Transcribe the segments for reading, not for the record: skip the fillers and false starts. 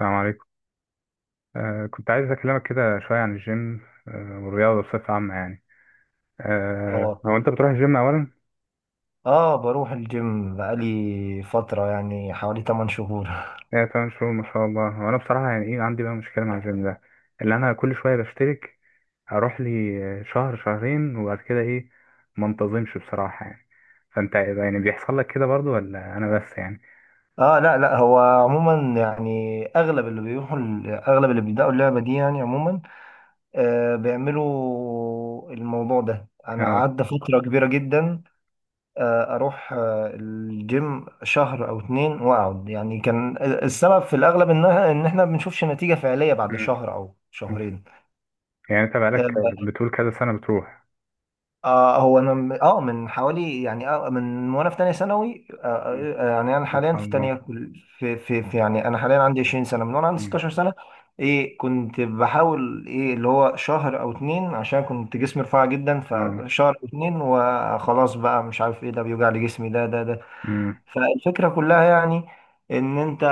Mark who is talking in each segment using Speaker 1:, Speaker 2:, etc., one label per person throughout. Speaker 1: السلام عليكم. كنت عايز أكلمك كده شوية عن الجيم. والرياضة بصفة عامة يعني.
Speaker 2: اه،
Speaker 1: هو أنت بتروح الجيم أولا؟
Speaker 2: اه، بروح الجيم بقالي فترة يعني حوالي 8 شهور
Speaker 1: إيه تمام شهور، ما شاء الله. هو أنا بصراحة يعني إيه عندي بقى مشكلة مع الجيم ده، اللي أنا كل شوية بشترك، أروح لي شهر شهرين وبعد كده إيه، ما انتظمش بصراحة يعني. فأنت إيه ده، يعني بيحصل لك كده برضو ولا أنا بس يعني؟
Speaker 2: اه، لا، لا، هو عموما يعني اغلب اللي بيبدأوا اللعبة دي يعني عموما، بيعملوا الموضوع ده. انا
Speaker 1: اه.
Speaker 2: قعدت فترة كبيرة جدا، اروح الجيم شهر او اتنين واقعد، يعني كان السبب في الاغلب ان احنا ما بنشوفش نتيجة فعلية بعد
Speaker 1: مم.
Speaker 2: شهر او
Speaker 1: مم.
Speaker 2: شهرين.
Speaker 1: يعني أنت
Speaker 2: آه،
Speaker 1: بقالك بتقول كذا سنة بتروح.
Speaker 2: هو انا من حوالي يعني من وانا في تانية ثانوي،
Speaker 1: مم.
Speaker 2: يعني انا
Speaker 1: ما
Speaker 2: حاليا
Speaker 1: شاء
Speaker 2: في
Speaker 1: الله.
Speaker 2: يعني
Speaker 1: أيوة.
Speaker 2: انا حاليا عندي 20 سنة من وانا عندي
Speaker 1: مم.
Speaker 2: 16 سنة. ايه كنت بحاول ايه اللي هو شهر او اتنين، عشان كنت جسمي رفيع جدا،
Speaker 1: اه.
Speaker 2: فشهر او اتنين وخلاص بقى مش عارف ايه ده، بيوجع لي جسمي ده.
Speaker 1: مم.
Speaker 2: فالفكرة كلها يعني ان انت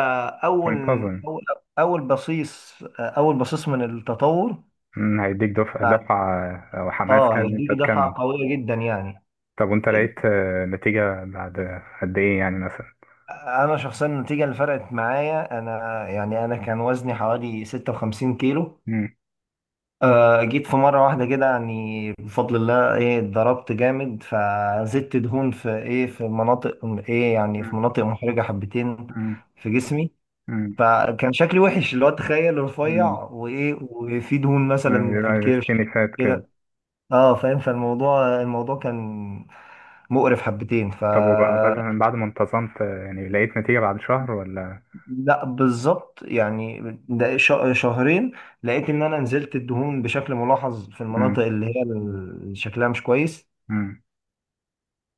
Speaker 2: اول
Speaker 1: منتظم.
Speaker 2: اول اول بصيص اول بصيص من التطور.
Speaker 1: هيديك دفعة
Speaker 2: بعد
Speaker 1: دفعة أو حماس
Speaker 2: اه،
Speaker 1: كان إن أنت
Speaker 2: هيديك دفعة
Speaker 1: تكمل.
Speaker 2: قوية جدا يعني.
Speaker 1: طب وأنت لقيت نتيجة بعد قد إيه يعني مثلا؟
Speaker 2: انا شخصيا النتيجه اللي فرقت معايا انا يعني انا كان وزني حوالي 56 كيلو.
Speaker 1: مم.
Speaker 2: جيت في مره واحده كده يعني بفضل الله، ايه، اتضربت جامد، فزدت دهون في ايه، في مناطق، ايه، يعني في
Speaker 1: مم.
Speaker 2: مناطق محرجه حبتين
Speaker 1: مم.
Speaker 2: في جسمي.
Speaker 1: مم.
Speaker 2: فكان شكلي وحش، اللي هو تخيل رفيع
Speaker 1: مم.
Speaker 2: وايه، وفي دهون
Speaker 1: يعني
Speaker 2: مثلا في
Speaker 1: يبقى سكيني
Speaker 2: الكرش
Speaker 1: فات كده.
Speaker 2: كده. اه فاهم. فالموضوع، الموضوع كان مقرف حبتين، ف...
Speaker 1: طب وبعد مثلا بعد ما انتظمت يعني لقيت نتيجة بعد شهر ولا؟
Speaker 2: لا، بالظبط يعني ده شهرين لقيت ان انا نزلت الدهون بشكل ملاحظ في
Speaker 1: مم.
Speaker 2: المناطق اللي هي
Speaker 1: مم.
Speaker 2: اللي شكلها مش كويس.
Speaker 1: مم.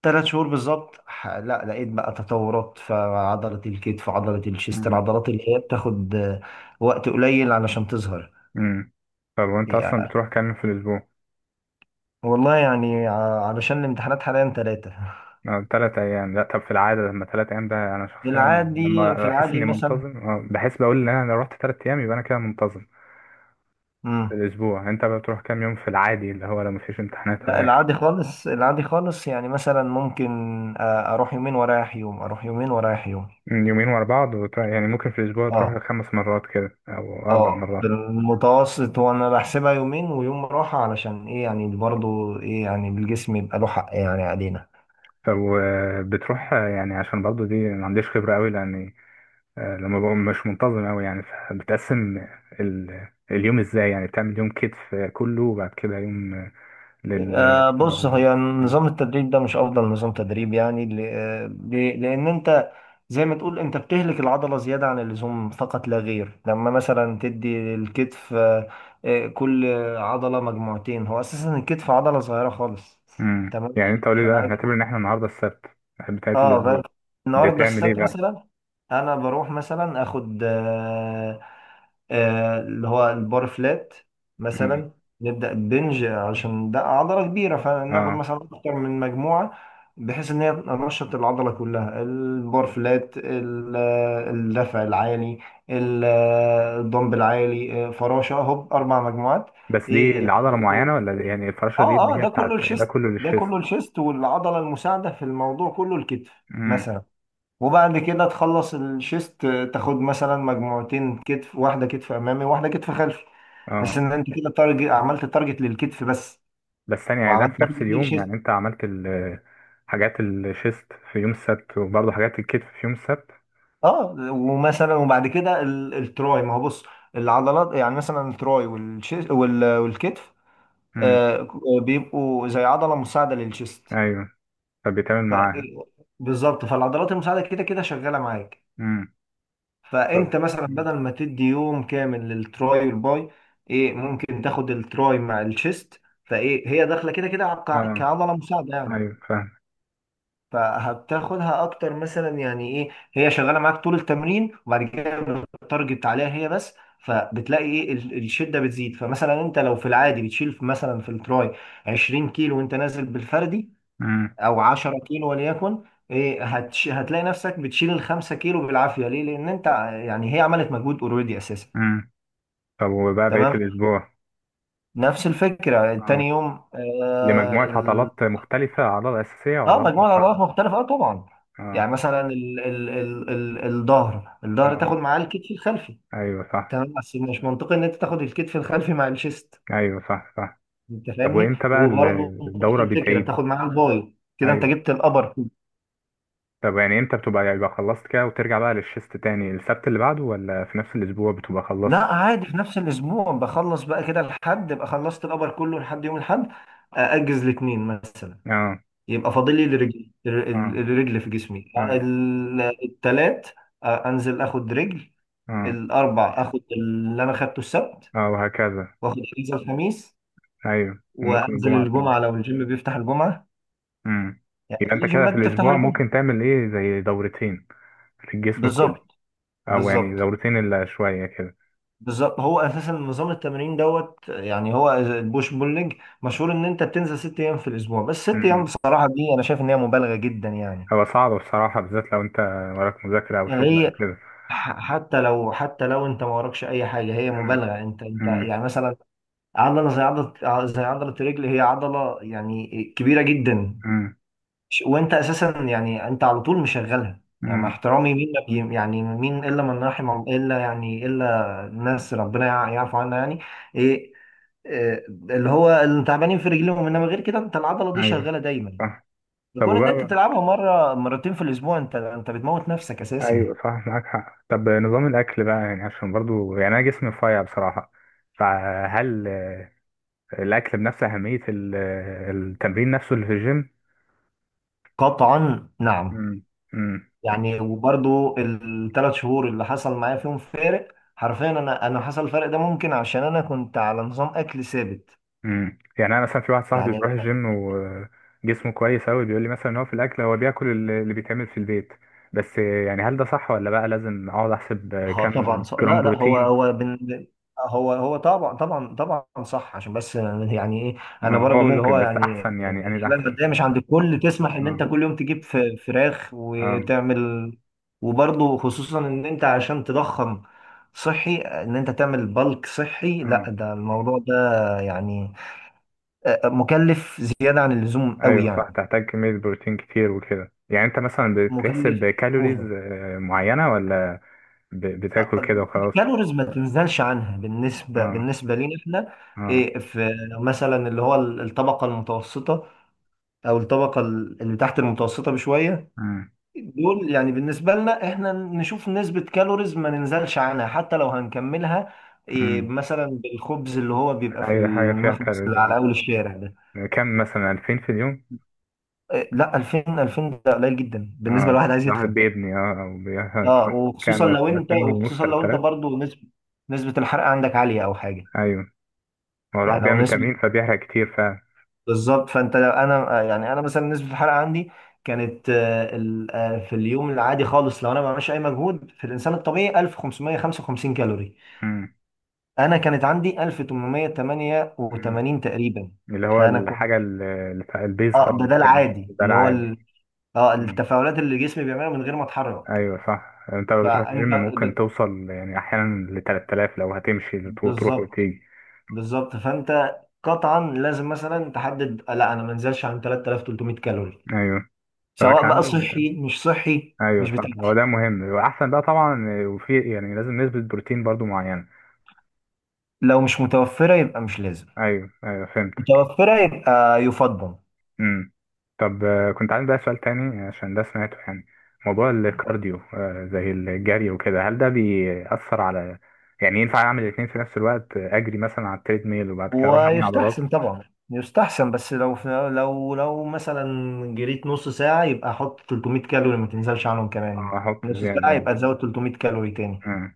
Speaker 2: ثلاث شهور بالظبط، لا لقيت بقى تطورات في عضلة الكتف، عضلة الشيست،
Speaker 1: مم.
Speaker 2: العضلات اللي هي بتاخد وقت قليل علشان تظهر.
Speaker 1: مم. طب وأنت أصلا
Speaker 2: يعني
Speaker 1: بتروح كام يوم في الأسبوع؟
Speaker 2: والله يعني علشان الامتحانات حاليا ثلاثة.
Speaker 1: 3 أيام؟ لأ، طب في العادة لما 3 أيام ده، أنا
Speaker 2: في
Speaker 1: شخصيا
Speaker 2: العادي،
Speaker 1: لما بحس إني
Speaker 2: مثلا،
Speaker 1: منتظم بحس بقول إن أنا لو رحت 3 أيام يبقى أنا كده منتظم في
Speaker 2: امم
Speaker 1: الأسبوع. يعني أنت بتروح كام يوم في العادي، اللي هو لو مفيش امتحانات ولا
Speaker 2: لا
Speaker 1: أي حاجة؟
Speaker 2: العادي خالص، العادي خالص، يعني مثلا ممكن اروح يومين ورايح يوم، اروح يومين ورايح يوم.
Speaker 1: من يومين ورا بعض وتروح، يعني ممكن في الأسبوع
Speaker 2: اه،
Speaker 1: تروح 5 مرات كده أو أربع
Speaker 2: اه، في
Speaker 1: مرات
Speaker 2: المتوسط وانا بحسبها يومين ويوم راحة علشان ايه يعني، برضو ايه يعني الجسم يبقى له حق يعني علينا.
Speaker 1: طب بتروح، يعني عشان برضه دي ما عنديش خبرة أوي، لأني لما بقوم مش منتظم أوي يعني، فبتقسم اليوم إزاي؟ يعني بتعمل يوم كتف كله وبعد كده يوم لل
Speaker 2: بص،
Speaker 1: لل-
Speaker 2: هي نظام التدريب ده مش افضل نظام تدريب يعني، لان انت زي ما تقول انت بتهلك العضلة زيادة عن اللزوم فقط لا غير، لما مثلا تدي الكتف كل عضلة مجموعتين. هو اساسا الكتف عضلة صغيرة خالص.
Speaker 1: مم.
Speaker 2: تمام.
Speaker 1: يعني أنت قولي بقى، هنعتبر إن إحنا النهاردة السبت بتاعت
Speaker 2: اه فاهم.
Speaker 1: الأسبوع،
Speaker 2: النهارده
Speaker 1: بتعمل إيه
Speaker 2: السبت
Speaker 1: بقى؟
Speaker 2: مثلا، انا بروح مثلا اخد اللي هو البار فلات
Speaker 1: مم.
Speaker 2: مثلا. نبدا بنج عشان ده عضله كبيره، فناخد
Speaker 1: آه.
Speaker 2: مثلا اكتر من مجموعه بحيث ان هي تنشط العضله كلها. البار فلات، الدفع العالي، الدمب العالي، فراشه، هوب اربع مجموعات.
Speaker 1: بس
Speaker 2: ايه،
Speaker 1: دي
Speaker 2: إيه،
Speaker 1: لعضلة معينة ولا دي، يعني الفراشة دي
Speaker 2: اه،
Speaker 1: اللي
Speaker 2: اه،
Speaker 1: هي
Speaker 2: ده
Speaker 1: بتاعت
Speaker 2: كله
Speaker 1: ده
Speaker 2: الشيست،
Speaker 1: كله
Speaker 2: ده كله
Speaker 1: للشيست؟
Speaker 2: الشيست والعضله المساعده في الموضوع كله الكتف.
Speaker 1: امم.
Speaker 2: مثلا وبعد كده تخلص الشيست، تاخد مثلا مجموعتين كتف، واحده كتف امامي وواحده كتف خلفي،
Speaker 1: اه.
Speaker 2: بحيث ان انت كده تارجت، عملت تارجت للكتف بس
Speaker 1: بس ثانية، يعني ده
Speaker 2: وعملت
Speaker 1: في نفس
Speaker 2: تارجت
Speaker 1: اليوم؟ يعني
Speaker 2: للشيست.
Speaker 1: انت عملت حاجات الشيست في يوم السبت وبرضه حاجات الكتف في يوم السبت؟
Speaker 2: اه، ومثلا وبعد كده التراي، ما هو بص العضلات يعني مثلا التراي والشيست والكتف
Speaker 1: امم.
Speaker 2: آه بيبقوا زي عضله مساعده للشيست.
Speaker 1: ايوه. فبيتعمل
Speaker 2: ف
Speaker 1: معاها.
Speaker 2: بالظبط، فالعضلات المساعده كده كده شغاله معاك.
Speaker 1: امم. طب.
Speaker 2: فانت مثلا
Speaker 1: مم.
Speaker 2: بدل ما تدي يوم كامل للتراي والباي، ايه، ممكن تاخد التراي مع الشيست، فايه هي داخله كده كده
Speaker 1: اه
Speaker 2: كعضله مساعده يعني.
Speaker 1: ايوه فاهم.
Speaker 2: فهتاخدها اكتر مثلا، يعني ايه هي شغاله معاك طول التمرين، وبعد كده بتارجت عليها هي بس. فبتلاقي ايه الشده بتزيد، فمثلا انت لو في العادي بتشيل مثلا في التراي 20 كيلو وانت نازل بالفردي
Speaker 1: امم.
Speaker 2: او 10 كيلو وليكن، إيه، هتلاقي نفسك بتشيل الخمسة كيلو بالعافية. ليه؟ لأن أنت يعني هي عملت مجهود أوريدي أساسا.
Speaker 1: امم. طب وبقى بقية
Speaker 2: تمام؟
Speaker 1: الأسبوع؟
Speaker 2: نفس الفكرة
Speaker 1: اه.
Speaker 2: تاني يوم، آه,
Speaker 1: لمجموعة
Speaker 2: ال-
Speaker 1: عضلات مختلفة، عضلة أساسية وعضلات
Speaker 2: مجموعة العضلات
Speaker 1: مساعدة.
Speaker 2: مختلفة، آه طبعا.
Speaker 1: اه.
Speaker 2: يعني مثلا الظهر، الظهر
Speaker 1: اه.
Speaker 2: تاخد معاه الكتف الخلفي.
Speaker 1: ايوه صح.
Speaker 2: تمام بس مش منطقي إن أنت تاخد الكتف الخلفي مع الشيست.
Speaker 1: ايوه صح صح.
Speaker 2: أنت
Speaker 1: طب
Speaker 2: فاهمني؟
Speaker 1: وامتى بقى
Speaker 2: وبرضه نفس
Speaker 1: الدورة
Speaker 2: الفكرة
Speaker 1: بتعيد؟
Speaker 2: تاخد معاه الباي، كده أنت
Speaker 1: أيوه.
Speaker 2: جبت الأبر.
Speaker 1: طب يعني امتى بتبقى، يبقى خلصت كده وترجع بقى للشيست تاني السبت اللي بعده، ولا في نفس الاسبوع بتبقى خلصت؟
Speaker 2: لا عادي في نفس الاسبوع بخلص بقى كده، الحد ابقى خلصت القبر كله لحد يوم الحد. اجز الاثنين مثلا،
Speaker 1: اه.
Speaker 2: يبقى فاضل لي الرجل،
Speaker 1: اه.
Speaker 2: الرجل في جسمي.
Speaker 1: ايوه.
Speaker 2: الثلاث انزل اخد رجل.
Speaker 1: اه.
Speaker 2: الاربع اخد اللي انا خدته السبت.
Speaker 1: اه وهكذا.
Speaker 2: واخد اجازه الخميس،
Speaker 1: ايوه وممكن
Speaker 2: وانزل
Speaker 1: الجمعة تاني.
Speaker 2: الجمعه لو الجيم بيفتح الجمعه،
Speaker 1: امم.
Speaker 2: يعني
Speaker 1: يبقى
Speaker 2: في
Speaker 1: انت كده في
Speaker 2: جيمات بتفتح
Speaker 1: الاسبوع
Speaker 2: الجمعه.
Speaker 1: ممكن تعمل ايه، زي دورتين في الجسم كله،
Speaker 2: بالظبط،
Speaker 1: او يعني
Speaker 2: بالظبط،
Speaker 1: دورتين الا شوية كده.
Speaker 2: بالظبط. هو اساسا نظام التمرين دوت يعني هو البوش بول ليج، مشهور ان انت بتنزل ست ايام في الاسبوع، بس ست ايام
Speaker 1: امم.
Speaker 2: بصراحه دي انا شايف ان هي مبالغه جدا يعني.
Speaker 1: هو صعب بصراحة، بالذات لو انت وراك مذاكرة او شغل او
Speaker 2: هي
Speaker 1: كده.
Speaker 2: حتى لو انت ما وراكش اي حاجه، هي
Speaker 1: امم.
Speaker 2: مبالغه. انت
Speaker 1: امم.
Speaker 2: يعني مثلا عضله الرجل هي عضله يعني كبيره جدا.
Speaker 1: امم.
Speaker 2: وانت اساسا يعني انت على طول مشغلها، يعني مع
Speaker 1: امم.
Speaker 2: احترامي مين ما يعني مين الا من الا يعني الا الناس ربنا يعرف عنها يعني، ايه، إيه، اللي هو اللي تعبانين في رجليهم، انما غير كده انت العضله دي شغاله
Speaker 1: ايوه
Speaker 2: دايما،
Speaker 1: صح. طب
Speaker 2: يكون ان انت
Speaker 1: وبقى.
Speaker 2: تلعبها مره مرتين في الاسبوع انت بتموت نفسك اساسا.
Speaker 1: ايوه صح، معاك حق. طب نظام الاكل بقى، يعني عشان برضو يعني انا جسمي رفيع بصراحه، فهل الاكل بنفس اهميه التمرين نفسه اللي في الجيم؟
Speaker 2: قطعا نعم.
Speaker 1: امم. امم.
Speaker 2: يعني وبرضو الثلاث شهور اللي حصل معايا فيهم فارق، حرفيا انا حصل الفرق ده ممكن عشان انا كنت على نظام اكل ثابت
Speaker 1: امم. يعني انا مثلا في واحد صاحبي
Speaker 2: يعني.
Speaker 1: بيروح الجيم وجسمه كويس اوي، بيقول لي مثلا ان هو في الاكل هو بياكل اللي اللي بيتعمل في البيت. بس يعني هل ده صح، ولا بقى لازم اقعد احسب
Speaker 2: اه طبعا
Speaker 1: كام
Speaker 2: صح.
Speaker 1: جرام
Speaker 2: لا، لا، هو
Speaker 1: بروتين؟
Speaker 2: هو هو طبعا طبعا طبعا صح، عشان بس يعني ايه انا
Speaker 1: آه، هو
Speaker 2: برضو اللي
Speaker 1: ممكن
Speaker 2: هو
Speaker 1: بس
Speaker 2: يعني
Speaker 1: احسن، يعني ده
Speaker 2: الحاله
Speaker 1: احسن.
Speaker 2: الماديه مش عند الكل تسمح ان انت
Speaker 1: اه.
Speaker 2: كل يوم تجيب فراخ
Speaker 1: اه.
Speaker 2: وتعمل. وبرضو خصوصا ان انت عشان تضخم صحي، ان انت تعمل بلك صحي، لا
Speaker 1: اه.
Speaker 2: ده الموضوع ده يعني مكلف زياده عن اللزوم قوي
Speaker 1: ايوه
Speaker 2: يعني.
Speaker 1: صح، تحتاج كمية بروتين كتير وكده. يعني انت مثلا بتحسب
Speaker 2: مكلف
Speaker 1: كالوريز
Speaker 2: اوفر.
Speaker 1: معينة، ولا بتاكل كده وخلاص؟
Speaker 2: كالوريز ما تنزلش عنها، بالنسبه
Speaker 1: اه.
Speaker 2: بالنسبه لينا احنا،
Speaker 1: اه.
Speaker 2: إيه، في مثلا اللي هو الطبقه المتوسطه او الطبقه اللي تحت المتوسطه بشويه،
Speaker 1: مم.
Speaker 2: دول يعني بالنسبه لنا احنا نشوف نسبه كالوريز ما ننزلش عنها حتى لو هنكملها، إيه،
Speaker 1: مم.
Speaker 2: مثلا بالخبز اللي هو بيبقى في
Speaker 1: اي حاجة فيها
Speaker 2: المخبز
Speaker 1: كالوريز،
Speaker 2: اللي على
Speaker 1: اه.
Speaker 2: اول الشارع ده.
Speaker 1: كم، مثلا 2000 في اليوم؟
Speaker 2: إيه لا، 2000، 2000 ده قليل جدا
Speaker 1: اه.
Speaker 2: بالنسبه لواحد عايز
Speaker 1: الواحد
Speaker 2: يتخن.
Speaker 1: بيبني، اه، او
Speaker 2: اه،
Speaker 1: كام، 2000 ونص،
Speaker 2: وخصوصا لو انت
Speaker 1: 3000؟
Speaker 2: برضو نسبه الحرق عندك عاليه او حاجه.
Speaker 1: ايوه. هو
Speaker 2: يعني
Speaker 1: الواحد
Speaker 2: لو
Speaker 1: بيعمل
Speaker 2: نسبة،
Speaker 1: تمرين فبيحرق كتير فعلا.
Speaker 2: بالظبط، فانت لو انا يعني انا مثلا نسبه الحرق عندي كانت في اليوم العادي خالص لو انا ما بعملش اي مجهود في الانسان الطبيعي 1555 كالوري،
Speaker 1: مم.
Speaker 2: انا كانت عندي
Speaker 1: مم.
Speaker 2: 1888 تقريبا.
Speaker 1: اللي هو
Speaker 2: فانا
Speaker 1: الحاجة
Speaker 2: كنت،
Speaker 1: البيز
Speaker 2: اه ده
Speaker 1: خالص،
Speaker 2: ده
Speaker 1: يعني
Speaker 2: العادي
Speaker 1: ده
Speaker 2: اللي هو
Speaker 1: العادي.
Speaker 2: اه التفاعلات اللي جسمي بيعملها من غير ما اتحرك.
Speaker 1: ايوه صح. انت لو بتروح الجيم
Speaker 2: فانت
Speaker 1: ممكن توصل يعني احيانا ل 3000، لو هتمشي وتروح
Speaker 2: بالظبط،
Speaker 1: وتيجي.
Speaker 2: بالظبط فانت قطعا لازم مثلا تحدد، لا انا ما انزلش عن 3300 كالوري،
Speaker 1: ايوه. فبقى
Speaker 2: سواء بقى
Speaker 1: عندي.
Speaker 2: صحي مش صحي
Speaker 1: ايوه
Speaker 2: مش
Speaker 1: صح،
Speaker 2: بتاع.
Speaker 1: هو ده مهم واحسن بقى طبعا. وفي يعني لازم نسبة بروتين برضو معينة؟
Speaker 2: لو مش متوفرة يبقى مش لازم،
Speaker 1: ايوه ايوه فهمتك.
Speaker 2: متوفرة يبقى يفضل.
Speaker 1: امم. طب كنت عندي بقى سؤال تاني، عشان ده سمعته يعني: موضوع الكارديو زي الجري وكده، هل ده بيأثر على، يعني ينفع اعمل الاثنين في نفس الوقت؟ اجري مثلا على التريد ميل وبعد كده اروح ابني عضلات؟
Speaker 2: ويستحسن طبعا، يستحسن بس لو، مثلا جريت نص ساعة يبقى حط 300 كالوري ما تنزلش عنهم كمان.
Speaker 1: احط
Speaker 2: نص
Speaker 1: زيادة
Speaker 2: ساعة
Speaker 1: يعني.
Speaker 2: يبقى تزود 300 كالوري تاني.
Speaker 1: آه.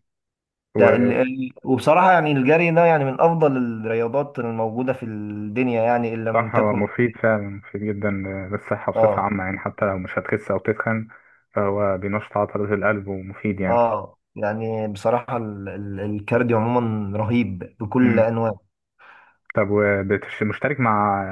Speaker 2: ده وبصراحة يعني الجري ده يعني من أفضل الرياضات الموجودة في الدنيا، يعني إن لم
Speaker 1: صح، هو
Speaker 2: تكن.
Speaker 1: مفيد فعلا، مفيد جدا للصحة بصفة
Speaker 2: آه
Speaker 1: عامة، يعني حتى لو مش هتخس أو تتخن، فهو بينشط عضلات القلب ومفيد يعني.
Speaker 2: يعني بصراحة الكارديو عموما رهيب بكل
Speaker 1: مم.
Speaker 2: أنواعه.
Speaker 1: طب، ومشترك مع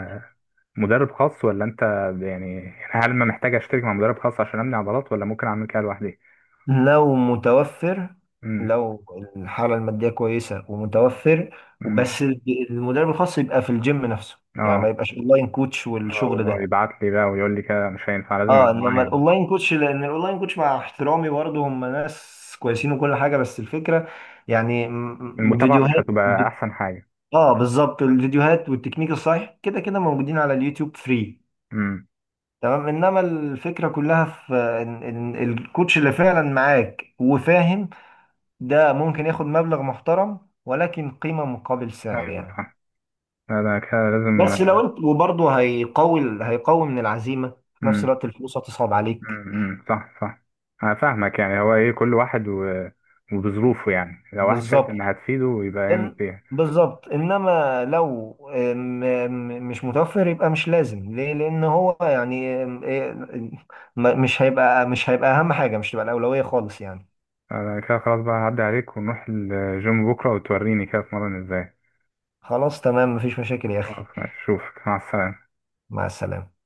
Speaker 1: مدرب خاص ولا أنت، يعني يعني هل ما محتاج أشترك مع مدرب خاص عشان أبني عضلات، ولا ممكن أعمل كده لوحدي؟
Speaker 2: لو متوفر،
Speaker 1: مم.
Speaker 2: لو الحالة المادية كويسة ومتوفر،
Speaker 1: مم.
Speaker 2: وبس، المدرب الخاص يبقى في الجيم نفسه، يعني
Speaker 1: أه.
Speaker 2: ما يبقاش اونلاين كوتش والشغل
Speaker 1: أو
Speaker 2: ده.
Speaker 1: يبعت لي بقى ويقول لي كده، مش هينفع، لازم
Speaker 2: اه،
Speaker 1: يبقى معايا
Speaker 2: انما
Speaker 1: يعني.
Speaker 2: الاونلاين كوتش، مع احترامي برضه هم ناس كويسين وكل حاجة، بس الفكرة يعني
Speaker 1: المتابعة مش
Speaker 2: فيديوهات
Speaker 1: هتبقى أحسن حاجة؟
Speaker 2: اه بالظبط، الفيديوهات والتكنيك الصحيح كده كده موجودين على اليوتيوب فري.
Speaker 1: مم.
Speaker 2: تمام انما الفكرة كلها في إن الكوتش اللي فعلا معاك وفاهم ده ممكن ياخد مبلغ محترم، ولكن قيمة مقابل سعر
Speaker 1: أيوه
Speaker 2: يعني.
Speaker 1: صح. لا، ده كده لازم.
Speaker 2: بس لو انت، وبرضه هيقوي من العزيمة، في نفس
Speaker 1: مم.
Speaker 2: الوقت الفلوس هتصعب عليك.
Speaker 1: صح صح. انا فاهمك، يعني هو ايه، كل واحد و... وبظروفه، يعني لو واحد شايف
Speaker 2: بالظبط،
Speaker 1: انها هتفيده يبقى يعمل
Speaker 2: إن
Speaker 1: فيها.
Speaker 2: بالظبط، انما لو مش متوفر يبقى مش لازم، ليه؟ لان هو يعني مش هيبقى اهم حاجة، مش هتبقى الأولوية خالص يعني.
Speaker 1: انا كده خلاص بقى هعدي عليك، ونروح الجيم بكره وتوريني كده اتمرن ازاي.
Speaker 2: خلاص تمام، مفيش مشاكل يا اخي.
Speaker 1: خلاص ماشي، اشوفك، مع السلامه.
Speaker 2: مع السلامة.